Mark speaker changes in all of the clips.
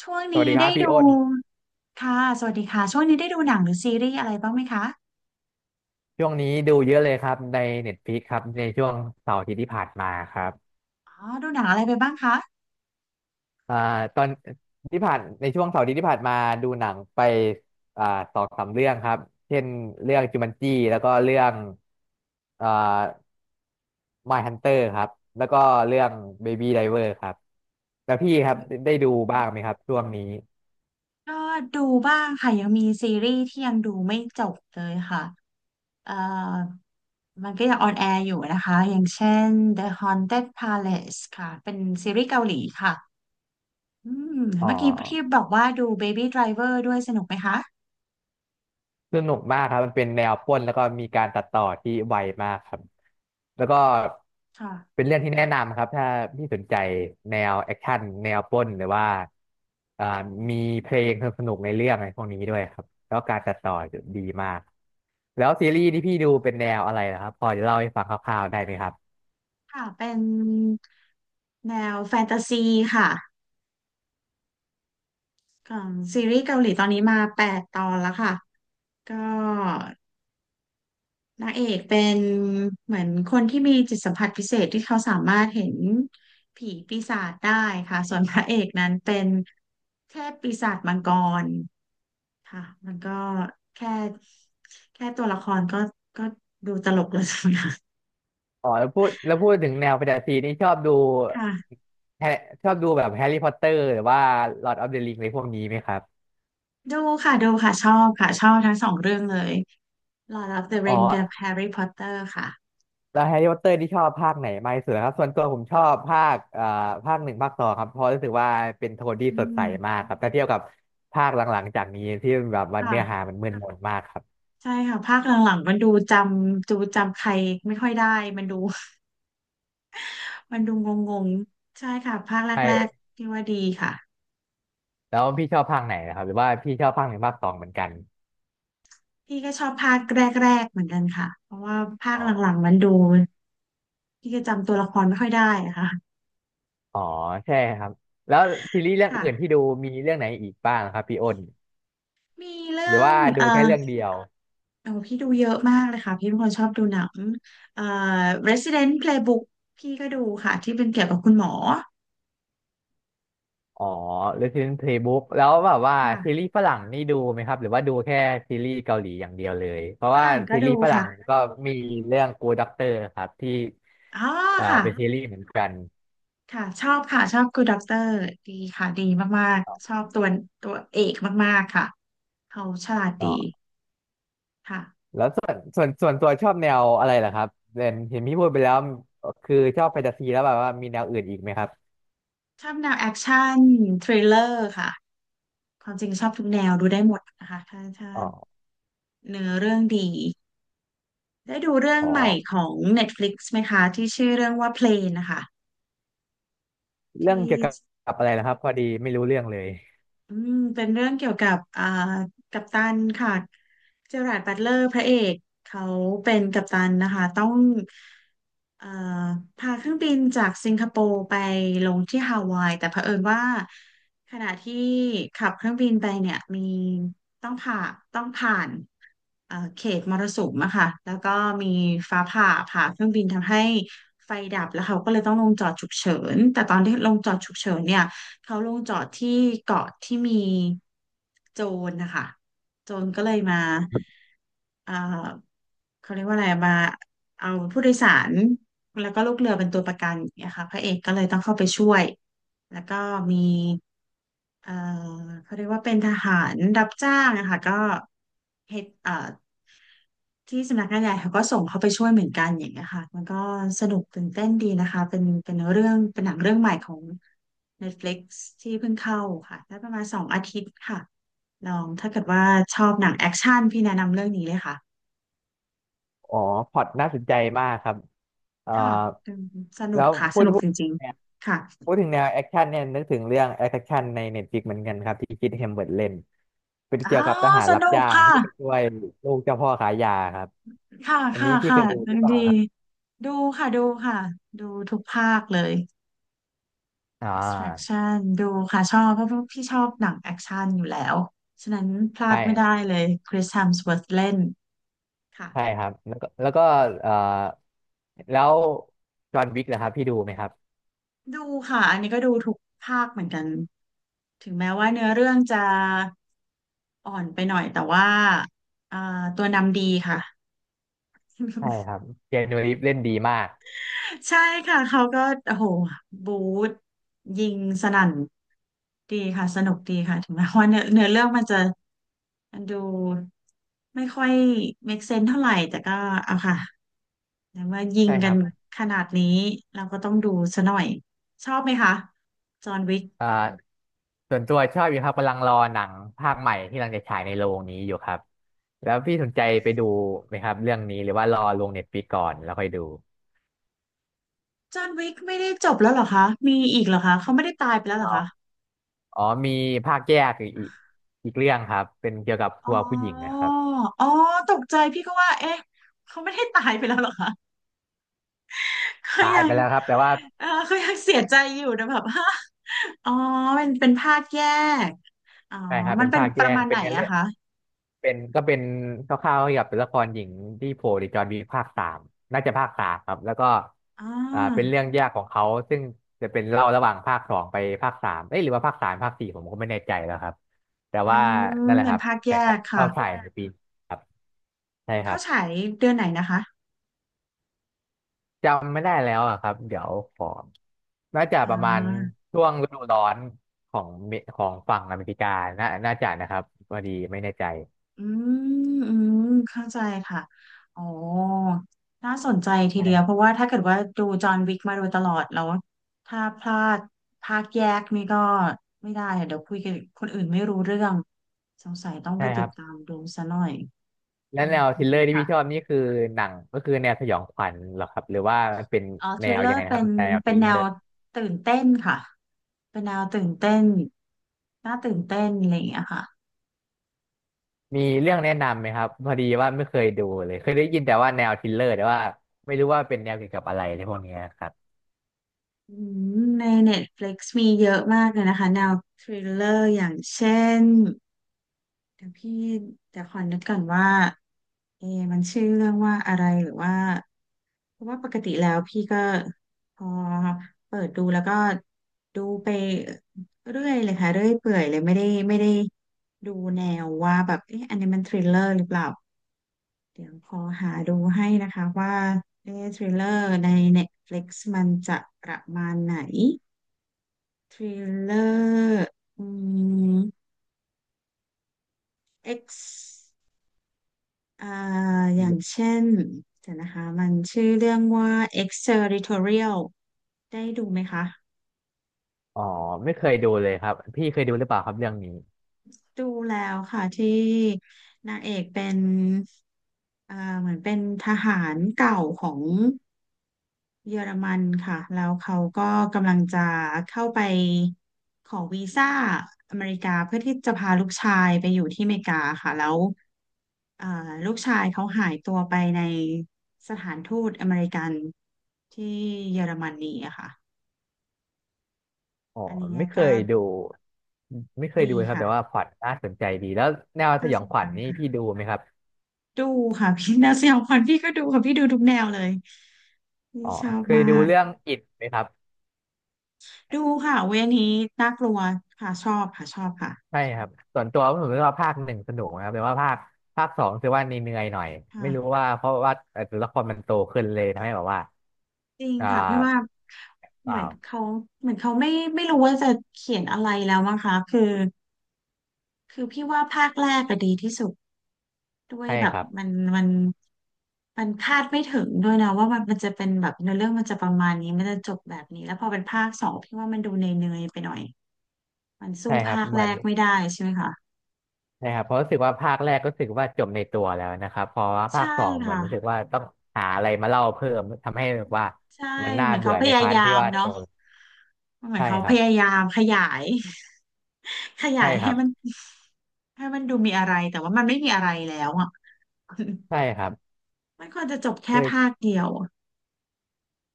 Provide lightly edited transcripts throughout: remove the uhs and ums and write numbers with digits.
Speaker 1: ช่วง
Speaker 2: สวัส
Speaker 1: นี้
Speaker 2: ดีครั
Speaker 1: ได้
Speaker 2: บพี่
Speaker 1: ดู
Speaker 2: อ้น
Speaker 1: ค่ะสวัสดีค่ะช่วงนี้ได้ดูหนังหรือซีรีส์อะไรบ้างไหมคะ
Speaker 2: ช่วงนี้ดูเยอะเลยครับใน Netflix ครับในช่วงเสาร์อาทิตย์ที่ผ่านมาครับ
Speaker 1: อ๋อดูหนังอะไรไปบ้างคะ
Speaker 2: อ่าตอนที่ผ่านในช่วงเสาร์อาทิตย์ที่ผ่านมาดูหนังไปอ่าสองสามเรื่องครับเช่นเรื่องจูมันจีแล้วก็เรื่องอ่า Mindhunter ครับแล้วก็เรื่องเบ a b y d เวอร์ครับแล้วพี่ครับได้ดูบ้างไหมครับช่วงนี้
Speaker 1: ก็ดูบ้างค่ะยังมีซีรีส์ที่ยังดูไม่จบเลยค่ะเอ่อมันก็ยังออนแอร์อยู่นะคะอย่างเช่น The Haunted Palace ค่ะเป็นซีรีส์เกาหลีค่ะอืม
Speaker 2: อ๋อ
Speaker 1: เมื่อกี้ที่บอกว่าดู Baby Driver ด้วยสนุกไหมคะ
Speaker 2: สนุกมากครับมันเป็นแนวปล้นแล้วก็มีการตัดต่อที่ไวมากครับแล้วก็
Speaker 1: ค่ะ
Speaker 2: เป็นเรื่องที่แนะนำครับถ้าพี่สนใจแนวแอคชั่นแนวปล้นหรือว่าอ่า
Speaker 1: อืม
Speaker 2: มีเพลงสนุกๆในเรื่องอะไรพวกนี้ด้วยครับแล้วการตัดต่อดีมากแล้วซีรีส์ที่พี่ดูเป็นแนวอะไรนะครับพอจะเล่าให้ฟังคร่าวๆได้ไหมครับ
Speaker 1: ค่ะเป็นแนวแฟนตาซีค่ะ ของซีรีส์เกาหลีตอนนี้มา8ตอนแล้วค่ะก็นางเอกเป็นเหมือนคนที่มีจิตสัมผัสพิเศษที่เขาสามารถเห็นผีปีศาจได้ค่ะส่วนพระเอกนั้นเป็นเทพปีศาจมังกรค่ะมันก็แค่แค่ตัวละครก็ดูตลกแล้วนะ
Speaker 2: อ๋อแล้วพูดถึงแนวแฟนตาซีนี่ชอบดู
Speaker 1: ค่ะ
Speaker 2: แฮชอบดูแบบแฮร์รี่พอตเตอร์หรือว่าลอร์ดออฟเดอะริงอะไรพวกนี้ไหมครับ
Speaker 1: ดูค่ะดูค่ะชอบค่ะชอบทั้งสองเรื่องเลย Lord of the
Speaker 2: อ๋อ
Speaker 1: Ring กับ Harry Potter ค่ะ
Speaker 2: แล้วแฮร์รี่พอตเตอร์ที่ชอบภาคไหนมากที่สุดครับส่วนตัวผมชอบภาคภาคหนึ่งภาคสองครับเพราะรู้สึกว่าเป็นโทนที่
Speaker 1: อื
Speaker 2: สดใสมา
Speaker 1: ม
Speaker 2: กครับถ้าเทียบกับภาคหลังๆจากนี้ที่แบบวัน
Speaker 1: ค่ะ
Speaker 2: เนื้อหามันมึนมนมากครับ
Speaker 1: ใช่ค่ะภาคหลังๆมันดูจำใครไม่ค่อยได้มันดู มันดูงงๆใช่ค่ะภาคแรก
Speaker 2: ใช่
Speaker 1: ๆที่ว่าดีค่ะ
Speaker 2: แล้วพี่ชอบภาคไหนนะครับหรือว่าพี่ชอบภาคหนึ่งภาคสองเหมือนกัน
Speaker 1: พี่ก็ชอบภาคแรกๆเหมือนกันค่ะเพราะว่าภาค
Speaker 2: อ๋อ
Speaker 1: หลังๆมันดูพี่ก็จำตัวละครไม่ค่อยได้อะค่ะ
Speaker 2: อ๋อใช่ครับแล้วซีรีส์เรื่อง
Speaker 1: ค่ะ
Speaker 2: อื่นที่ดูมีเรื่องไหนอีกบ้างครับพี่อ้น
Speaker 1: มี
Speaker 2: ห
Speaker 1: เรื่
Speaker 2: รื
Speaker 1: อ
Speaker 2: อ
Speaker 1: ง
Speaker 2: ว่าดูแค่เรื่องเดียว
Speaker 1: โอ้พี่ดูเยอะมากเลยค่ะพี่เป็นคนชอบดูหนังเอ่อ Resident Playbook พี่ก็ดูค่ะที่เป็นเกี่ยวกับคุณหมอ
Speaker 2: อ๋อ Resident Playbook แล้วแบบว่า
Speaker 1: ค่ะ
Speaker 2: ซีรีส์ฝรั่งนี่ดูไหมครับหรือว่าดูแค่ซีรีส์เกาหลีอย่างเดียวเลยเพราะ
Speaker 1: ฝ
Speaker 2: ว่า
Speaker 1: รั่งก็
Speaker 2: ซี
Speaker 1: ดู
Speaker 2: รีส์ฝรั่ง
Speaker 1: ค่ะ
Speaker 2: ก็มีเรื่อง Good Doctor ครับที่
Speaker 1: อ๋อค่ะ
Speaker 2: เป็นซีรีส์เหมือนกัน
Speaker 1: ค่ะชอบค่ะชอบ Good Doctor ดีค่ะดีมากๆชอบตัวเอกมากๆค่ะเขาฉลาด
Speaker 2: อ๋
Speaker 1: ดี
Speaker 2: อ
Speaker 1: ค่ะ
Speaker 2: แล้วส่วนตัวชอบแนวอะไรล่ะครับเห็นพี่พูดไปแล้วคือชอบแฟนตาซีแล้วแบบว่ามีแนวอื่นอีกไหมครับ
Speaker 1: ชอบแนวแอคชั่นทริลเลอร์ค่ะความจริงชอบทุกแนวดูได้หมดนะคะถ้า
Speaker 2: อ๋อ
Speaker 1: เนื้อเรื่องดีได้ดูเรื่อง
Speaker 2: อ๋อ
Speaker 1: ใหม่ของ Netflix ไหมคะที่ชื่อเรื่องว่า Plane นะคะ
Speaker 2: เรื่อง
Speaker 1: ที่
Speaker 2: เกี่ยวกับอะไรนะครับพอดีไม่รู้เรื่องเลย
Speaker 1: อืมเป็นเรื่องเกี่ยวกับกัปตันค่ะเจอราร์ดบัตเลอร์พระเอกเขาเป็นกัปตันนะคะต้องเอ่อพาเครื่องบินจากสิงคโปร์ไปลงที่ฮาวายแต่เผอิญว่าขณะที่ขับเครื่องบินไปเนี่ยมีต้องผ่าต้องผ่าน เขตมรสุมอะค่ะแล้วก็มีฟ้าผ่าผ่าเครื่องบินทำให้ไฟดับแล้วเขาก็เลยต้องลงจอดฉุกเฉินแต่ตอนที่ลงจอดฉุกเฉินเนี่ยเขาลงจอดที่เกาะที่มีโจรนะคะโจรก็เลยมาเอ่อเขาเรียกว่าอะไรมาเอาผู้โดยสารแล้วก็ลูกเรือเป็นตัวประกันอย่างเงี้ยค่ะพระเอกก็เลยต้องเข้าไปช่วย แล้วก็มีเอ่อเขาเรียกว่าเป็นทหารรับจ้างนะคะก็เฮดที่สำนักงานใหญ่เขาก็ส่งเขาไปช่วยเหมือนกันอย่างเงี้ยค่ะมันก็สนุกตื่นเต้นดีนะคะเป็นหนังเรื่องใหม่ของ Netflix ที่เพิ่งเข้าค่ะได้ประมาณ2 อาทิตย์ค่ะ ลองถ้าเกิดว่าชอบหนังแอคชั่นพี่แนะนำเรื่องนี้เลยค่ะ
Speaker 2: อ๋อพอร์ตน่าสนใจมากครับเอ่อ
Speaker 1: ค่ะอืมสนุ
Speaker 2: แล้
Speaker 1: ก
Speaker 2: ว
Speaker 1: ค่ะ สนุก
Speaker 2: พู
Speaker 1: จ
Speaker 2: ด
Speaker 1: ริง
Speaker 2: เนี่ย
Speaker 1: ๆค่ะ
Speaker 2: พูดถึงแนวแอคชั่นเนี่ยนึกถึงเรื่องแอคชั่นในเน็ตฟลิกเหมือนกันครับที่คิดเฮมเบิร์ตเล่นเป็น
Speaker 1: อ๋อ
Speaker 2: เกี่ยวกับทหาร
Speaker 1: ส
Speaker 2: รับ
Speaker 1: นุก
Speaker 2: จ้าง
Speaker 1: ค่ะ
Speaker 2: ที่ไปช่วยลูกเจ้าพ่อขายยาครับ
Speaker 1: ค่ะ
Speaker 2: อัน
Speaker 1: ค่ะ
Speaker 2: นี้พี่
Speaker 1: ค่ะ
Speaker 2: เคยดูหรือเป
Speaker 1: ดี
Speaker 2: ล่าครับ
Speaker 1: ดูค่ะดูค่ะดูทุกภาคเลย
Speaker 2: อ่า
Speaker 1: Extraction ดูค่ะชอบเพราะพี่ชอบหนังแอคชั่นอยู่แล้วฉะนั้นพลา
Speaker 2: ใช่
Speaker 1: ดไม่ได้
Speaker 2: ร
Speaker 1: เลยคริส h ฮมส w o ร์ h เล่นค่ะ
Speaker 2: ใช่ครับแล้วก็เอ่อแล้วจอห์นวิกนะครับพี่ดูไหมครับ
Speaker 1: ดูค่ะอันนี้ก็ดูทุกภาคเหมือนกันถึงแม้ว่าเนื้อเรื่องจะอ่อนไปหน่อยแต่ว่าอ่าตัวนำดีค่ะ
Speaker 2: ใช่ครับเจนนูรีฟเล่นดีมาก
Speaker 1: ใช่ค่ะเขาก็โอ้โหบูทยิงสนั่นดีค่ะสนุกดีค่ะถึงแม้ว่าเนื้อเรื่องมันจะมันดูไม่ค่อย make sense เท่าไหร่แต่ก็เอาค่ะแต่ว่ายิง
Speaker 2: ใช่ค
Speaker 1: กั
Speaker 2: รั
Speaker 1: น
Speaker 2: บ
Speaker 1: ขนาดนี้เราก็ต้องดูซะหน่อยชอบไหมคะจอห์นวิก
Speaker 2: อ่าส่วนตัวชอบอยู่ครับกำลังรอหนังภาคใหม่ที่กำลังจะฉายในโรงนี้อยู่ครับแล้วพี่สนใจไปดูไหมครับเรื่องนี้หรือว่ารอลงเน็ตฟลิกก่อนแล้วค่อยดู
Speaker 1: จอห์นวิกไม่ได้จบแล้วเหรอคะมีอีกเหรอคะเขาไม่ได้ตายไปแล้วเหร
Speaker 2: อ๋
Speaker 1: อ
Speaker 2: อ
Speaker 1: คะ
Speaker 2: อ๋อมีภาคแยกอีกเรื่องครับเป็นเกี่ยวกับ
Speaker 1: อ๋
Speaker 2: ตัวผู้หญิง
Speaker 1: อ
Speaker 2: นะครับ
Speaker 1: อ๋อตกใจพี่ก็ว่าเอ๊ะเขาไม่ได้ตายไปแล้วเหรอคะ ก็
Speaker 2: ตาย
Speaker 1: ยั
Speaker 2: ไป
Speaker 1: ง
Speaker 2: แล้วครับแต่ว่า
Speaker 1: เออก็ยังเสียใจอยู่นะแบบ ฮะอ๋อเป็นภาคแยก อ๋อ
Speaker 2: ใช่ครับ
Speaker 1: มั
Speaker 2: เป็
Speaker 1: น
Speaker 2: น
Speaker 1: เป็น
Speaker 2: ภาค
Speaker 1: ป
Speaker 2: แย
Speaker 1: ระ
Speaker 2: ก
Speaker 1: มาณ
Speaker 2: เป็
Speaker 1: ไห
Speaker 2: น
Speaker 1: น
Speaker 2: เนื้อเรื่
Speaker 1: อะ
Speaker 2: อง
Speaker 1: คะ
Speaker 2: เป็นเป็นคร่าวๆเกี่ยวกับตัวละครหญิงที่โผล่ในจอห์นวิกภาคสามน่าจะภาคสามครับแล้วก็
Speaker 1: อ๋อ
Speaker 2: เป็นเรื่องแยกของเขาซึ่งจะเป็นเล่าระหว่างภาคสองไปภาคสามเอ้ยหรือว่าภาคสามภาคสี่ผมก็ไม่แน่ใจแล้วครับแต่
Speaker 1: อื
Speaker 2: ว่า
Speaker 1: ม
Speaker 2: นั่นแหละ
Speaker 1: เป็
Speaker 2: ค
Speaker 1: น
Speaker 2: รับ
Speaker 1: ภาคแย
Speaker 2: แต่
Speaker 1: กค่ะ
Speaker 2: เข้าแฉายในปีนี้ครับใช่ค
Speaker 1: เข้า
Speaker 2: รั
Speaker 1: ฉา
Speaker 2: บ
Speaker 1: ยเดือนไหนนะคะ
Speaker 2: จำไม่ได้แล้วอะครับเดี๋ยวขอน่าจะ
Speaker 1: อ่
Speaker 2: ประมาณ
Speaker 1: า
Speaker 2: ช่วงฤดูร้อนของฝั่งอเมริกาน่าจะนะครับพอดีไม่แน่ใจ
Speaker 1: อืมอืมเข้าใจค่ะ อ๋อ น่าสนใจที
Speaker 2: ใช่
Speaker 1: เดีย
Speaker 2: ค
Speaker 1: ว
Speaker 2: รับ
Speaker 1: เพราะว่าถ้าเกิดว่าดูจอห์นวิกมาโดยตลอดแล้วถ้าพลาดภาคแยกนี่ก็ไม่ได้อะเดี๋ยวคุยกับคนอื่นไม่รู้เรื่อง สงสัยต้องไป
Speaker 2: ใช่ค
Speaker 1: ติ
Speaker 2: รั
Speaker 1: ด
Speaker 2: บ
Speaker 1: ตามดูซะหน่อย
Speaker 2: แล้
Speaker 1: อื
Speaker 2: วแน
Speaker 1: ม
Speaker 2: ว
Speaker 1: โอ
Speaker 2: ทริล
Speaker 1: เค
Speaker 2: เลอร์ที่พี่ชอบ
Speaker 1: ค่ะ
Speaker 2: นี่คือหนังก็คือแนวสยองขวัญเหรอครับหรือว่ามันเป็น
Speaker 1: อ๋อท
Speaker 2: แน
Speaker 1: ริล
Speaker 2: ว
Speaker 1: เลอ
Speaker 2: ยังไง
Speaker 1: ร์
Speaker 2: นะ
Speaker 1: เป็
Speaker 2: ครับ
Speaker 1: น
Speaker 2: แนวท
Speaker 1: เป็
Speaker 2: ริ
Speaker 1: น
Speaker 2: ล
Speaker 1: แน
Speaker 2: เลอ
Speaker 1: ว
Speaker 2: ร์
Speaker 1: ตื่นเต้นค่ะ เป็นแนวตื่นเต้นน่าตื่นเต้นอะไรอย่างเงี้ยค่ะ
Speaker 2: มีเรื่องแนะนำไหมครับพอดีว่าไม่เคยดูเลยเคยได้ยินแต่ว่าแนวทริลเลอร์แต่ว่าไม่รู้ว่าเป็นแนวเกี่ยวกับอะไรในพวกเนี้ยครับ
Speaker 1: อืมใน Netflix มีเยอะมากเลยนะคะแนวทริลเลอร์อย่างเช่น เดี๋ยวพี่จะขอนึกก่อนว่าเอะมันชื่อเรื่องว่าอะไรหรือว่าเพราะว่าปกติแล้วพี่ก็พอเปิดดูแล้วก็ดูไปเรื่อยเลยค่ะเรื่อยเปื่อยเลยไม่ได้ดูแนวว่าแบบเอ๊ะอันนี้มันทริลเลอร์หรือเปล่าเดี๋ยวขอหาดูให้นะคะว่าเอ๊ะทริลเลอร์ใน Netflix มันจะประมาณไหนทริลเลอร์อืม X อ่าอย่างเช่นเดี๋ยวนะคะมันชื่อเรื่องว่า Exterritorial ได้ดูไหมคะ
Speaker 2: อ๋อไม่เคยดูเลยครับพี่เคยดูหรือเปล่าครับเรื่องนี้
Speaker 1: ดูแล้วค่ะที่นางเอกเป็นเอ่าเหมือนเป็นทหารเก่าของเยอรมันค่ะแล้วเขาก็กำลังจะเข้าไปขอวีซ่าอเมริกาเพื่อที่จะพาลูกชายไปอยู่ที่อเมริกาค่ะแล้ว อ่าลูกชายเขาหายตัวไปในสถานทูตอเมริกันที่เยอรมนีอะค่ะ
Speaker 2: อ๋อ
Speaker 1: อันนี้
Speaker 2: ไม่เค
Speaker 1: ก็
Speaker 2: ยดูไม่เคย
Speaker 1: ดี
Speaker 2: ดูเลยครับ
Speaker 1: ค่ะ
Speaker 2: แต่ว่าพล็อตน่าสนใจดีแล้วแนวส
Speaker 1: น่า
Speaker 2: ยอ
Speaker 1: ส
Speaker 2: ง
Speaker 1: น
Speaker 2: ข
Speaker 1: ใจ
Speaker 2: วัญนี่พี่
Speaker 1: ค่ะ
Speaker 2: ดูไหมครับ
Speaker 1: ดูค่ะพี่แนวสยองขวัญพี่ก็ดูค่ะพี่ดูทุกแนวเลยพี่
Speaker 2: อ๋อ
Speaker 1: ชอบ
Speaker 2: เคย
Speaker 1: มา
Speaker 2: ดู
Speaker 1: ก
Speaker 2: เรื่องอิดไหมครับ
Speaker 1: ดูค่ะเวยอันนี้น่ากลัวค่ะชอบค่ะชอบค่ะ
Speaker 2: ใช่ครับส่วนตัวผมรู้สึกว่าภาคหนึ่งสนุกนะครับแต่ว่าภาคสองคือว่าเหนื่อยๆหน่อย
Speaker 1: ค่ะ
Speaker 2: ไม่รู้ว่าเพราะว่าตัวละครมันโตขึ้นเลยทำให้แบบว่า
Speaker 1: จริง
Speaker 2: อ่า
Speaker 1: ค่ะพี่ว่า
Speaker 2: เป
Speaker 1: เหมือน
Speaker 2: ล่า
Speaker 1: เขาเหมือนเขาไม่รู้ว่าจะเขียนอะไรแล้วมั้งคะคือพี่ว่าภาคแรกก็ดีที่สุด ด้วย
Speaker 2: ใช่
Speaker 1: แบ
Speaker 2: ค
Speaker 1: บ
Speaker 2: รับ
Speaker 1: มันมันคาดไม่ถึงด้วยนะว่ามันจะเป็นแบบเนื้อเรื่องมันจะประมาณนี้มันจะจบแบบนี้แล้วพอเป็นภาคสองพี่ว่ามันดูเนยๆไปหน่อยมันสู้
Speaker 2: ใช่ครับ
Speaker 1: ภาค
Speaker 2: เหมื
Speaker 1: แร
Speaker 2: อน
Speaker 1: กไม่ได้ใช่ไหมคะ
Speaker 2: ใช่ครับเพราะรู้สึกว่าภาคแรกก็รู้สึกว่าจบในตัวแล้วนะครับพอว่าภา
Speaker 1: ใช่
Speaker 2: คสองเหมือ
Speaker 1: ค่ะ
Speaker 2: นรู้สึกว่าต้องหาอะไรมาเล่าเพิ่มทำให้แบบว่า
Speaker 1: ใช่
Speaker 2: มันน่า
Speaker 1: เหมือนเขา
Speaker 2: เบื่อ
Speaker 1: พ
Speaker 2: ใน
Speaker 1: ยา
Speaker 2: พาร์ท
Speaker 1: ยา
Speaker 2: ที่
Speaker 1: ม
Speaker 2: ว่าโต
Speaker 1: เนาะเหมือน
Speaker 2: ใช่
Speaker 1: เขา
Speaker 2: ค
Speaker 1: พ
Speaker 2: รับ
Speaker 1: ยายามขยาย ข
Speaker 2: ใช่
Speaker 1: ยาย
Speaker 2: ค
Speaker 1: ให้
Speaker 2: รับ
Speaker 1: มันให้มันดูมีอะไรแต่ว่ามันไม่มีอะไรแล้วอ่ะ
Speaker 2: ใช่ครับ
Speaker 1: มันควรจะจบแค่
Speaker 2: ด้วย
Speaker 1: ภาคเดียว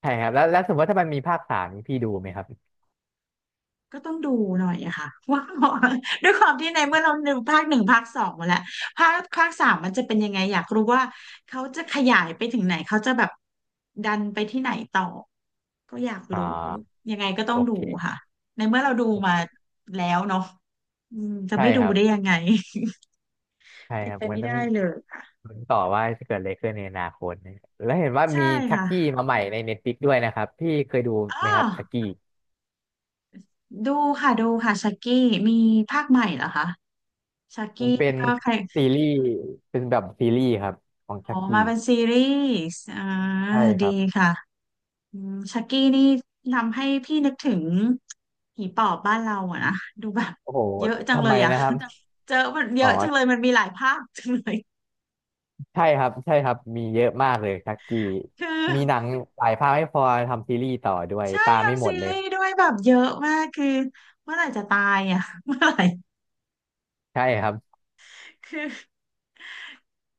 Speaker 2: ใช่ครับแล้วสมมติว่าถ้ามันมีภาคสามนี่พี่ดูไหมครับ
Speaker 1: ก็ต้องดูหน่อยอะค่ะ ว่า ด้วยความที่ในเมื่อเราดูภาคหนึ่งภาคสองมาแล้วภาคสามมันจะเป็นยังไงอยากรู้ว่าเขาจะขยายไปถึงไหนเขาจะแบบดันไปที่ไหนต่อก็อยาก
Speaker 2: อ่
Speaker 1: รู้
Speaker 2: า
Speaker 1: ยังไงก็ต้อ
Speaker 2: โอ
Speaker 1: งดู
Speaker 2: เค
Speaker 1: ค่ะในเมื่อเราดู
Speaker 2: โอ
Speaker 1: มา
Speaker 2: เค
Speaker 1: แล้วเนาะอืมจะ
Speaker 2: ใช่
Speaker 1: ไม่ดู
Speaker 2: ครับ
Speaker 1: ได้ยังไง
Speaker 2: ใช่
Speaker 1: เป็
Speaker 2: ค
Speaker 1: น
Speaker 2: รับ
Speaker 1: ไป
Speaker 2: มัน
Speaker 1: ไม่
Speaker 2: ต้อง
Speaker 1: ได้เลยค่ะ
Speaker 2: ลุ้นต่อว่าจะเกิดอะไรขึ้นในอนาคตนะแล้วเห็นว่า
Speaker 1: ใช่
Speaker 2: มีชัก
Speaker 1: ค่ะ
Speaker 2: กี้มาใหม่ในเน็ตฟลิกด้วยนะครับพี่เคยดู
Speaker 1: อ๋อ
Speaker 2: ไหมครับชักกี้
Speaker 1: ดูค่ะดูค่ะชักกี้มีภาคใหม่เหรอคะชัก
Speaker 2: มั
Speaker 1: กี้
Speaker 2: นเป็น
Speaker 1: ก็ใคร
Speaker 2: ซีรีส์เป็นแบบซีรีส์ครับของ
Speaker 1: อ๋
Speaker 2: ชั
Speaker 1: อ
Speaker 2: ก
Speaker 1: มา
Speaker 2: กี้
Speaker 1: เป็นซีรีส์อ่า
Speaker 2: ใช่ค
Speaker 1: ดี
Speaker 2: รับ
Speaker 1: ค่ะอืมชักกี้นี่ทำให้พี่นึกถึงผีปอบบ้านเราอะนะดูแบบ
Speaker 2: โอ้โห
Speaker 1: เยอะจัง
Speaker 2: ทำ
Speaker 1: เล
Speaker 2: ไม
Speaker 1: ยอ่ะ
Speaker 2: นะครับ
Speaker 1: เจอมันเย
Speaker 2: อ๋อ
Speaker 1: อะจังเลยมันมีหลายภาคจังเลย
Speaker 2: ใช่ครับใช่ครับมีเยอะมากเลยชักกี้
Speaker 1: คือ
Speaker 2: มีหนังหลายภาคไม่พอทำซีรีส์ต่อด้วย
Speaker 1: ใช่
Speaker 2: ตามไม่
Speaker 1: ทำ
Speaker 2: หม
Speaker 1: ซี
Speaker 2: ดเลย
Speaker 1: รีส์ด้วยแบบเยอะมาก คือเมื่อไหร่จะตายอ่ะ เมื่อไหร่
Speaker 2: ใช่ครับ
Speaker 1: คือ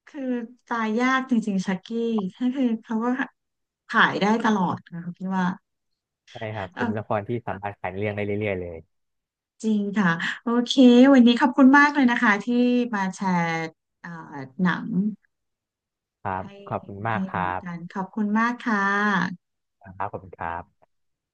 Speaker 1: คือตายยากจริงๆชักกี้ก็คือเขาก็ขายได้ตลอดนะคะพี่ว่า
Speaker 2: ใช่ครับเป็นละครที่สามารถขายเรื่องได้เรื่อยๆเลย
Speaker 1: จริงค่ะโอเควันนี้ขอบคุณมากเลยนะคะที่มาแชร์เอ่อหนัง
Speaker 2: ครับ
Speaker 1: ให้
Speaker 2: ขอบคุณมาก
Speaker 1: ให้
Speaker 2: ครั
Speaker 1: กัน
Speaker 2: บ
Speaker 1: ขอบคุณมากค่ะ
Speaker 2: ครับขอบคุณครับ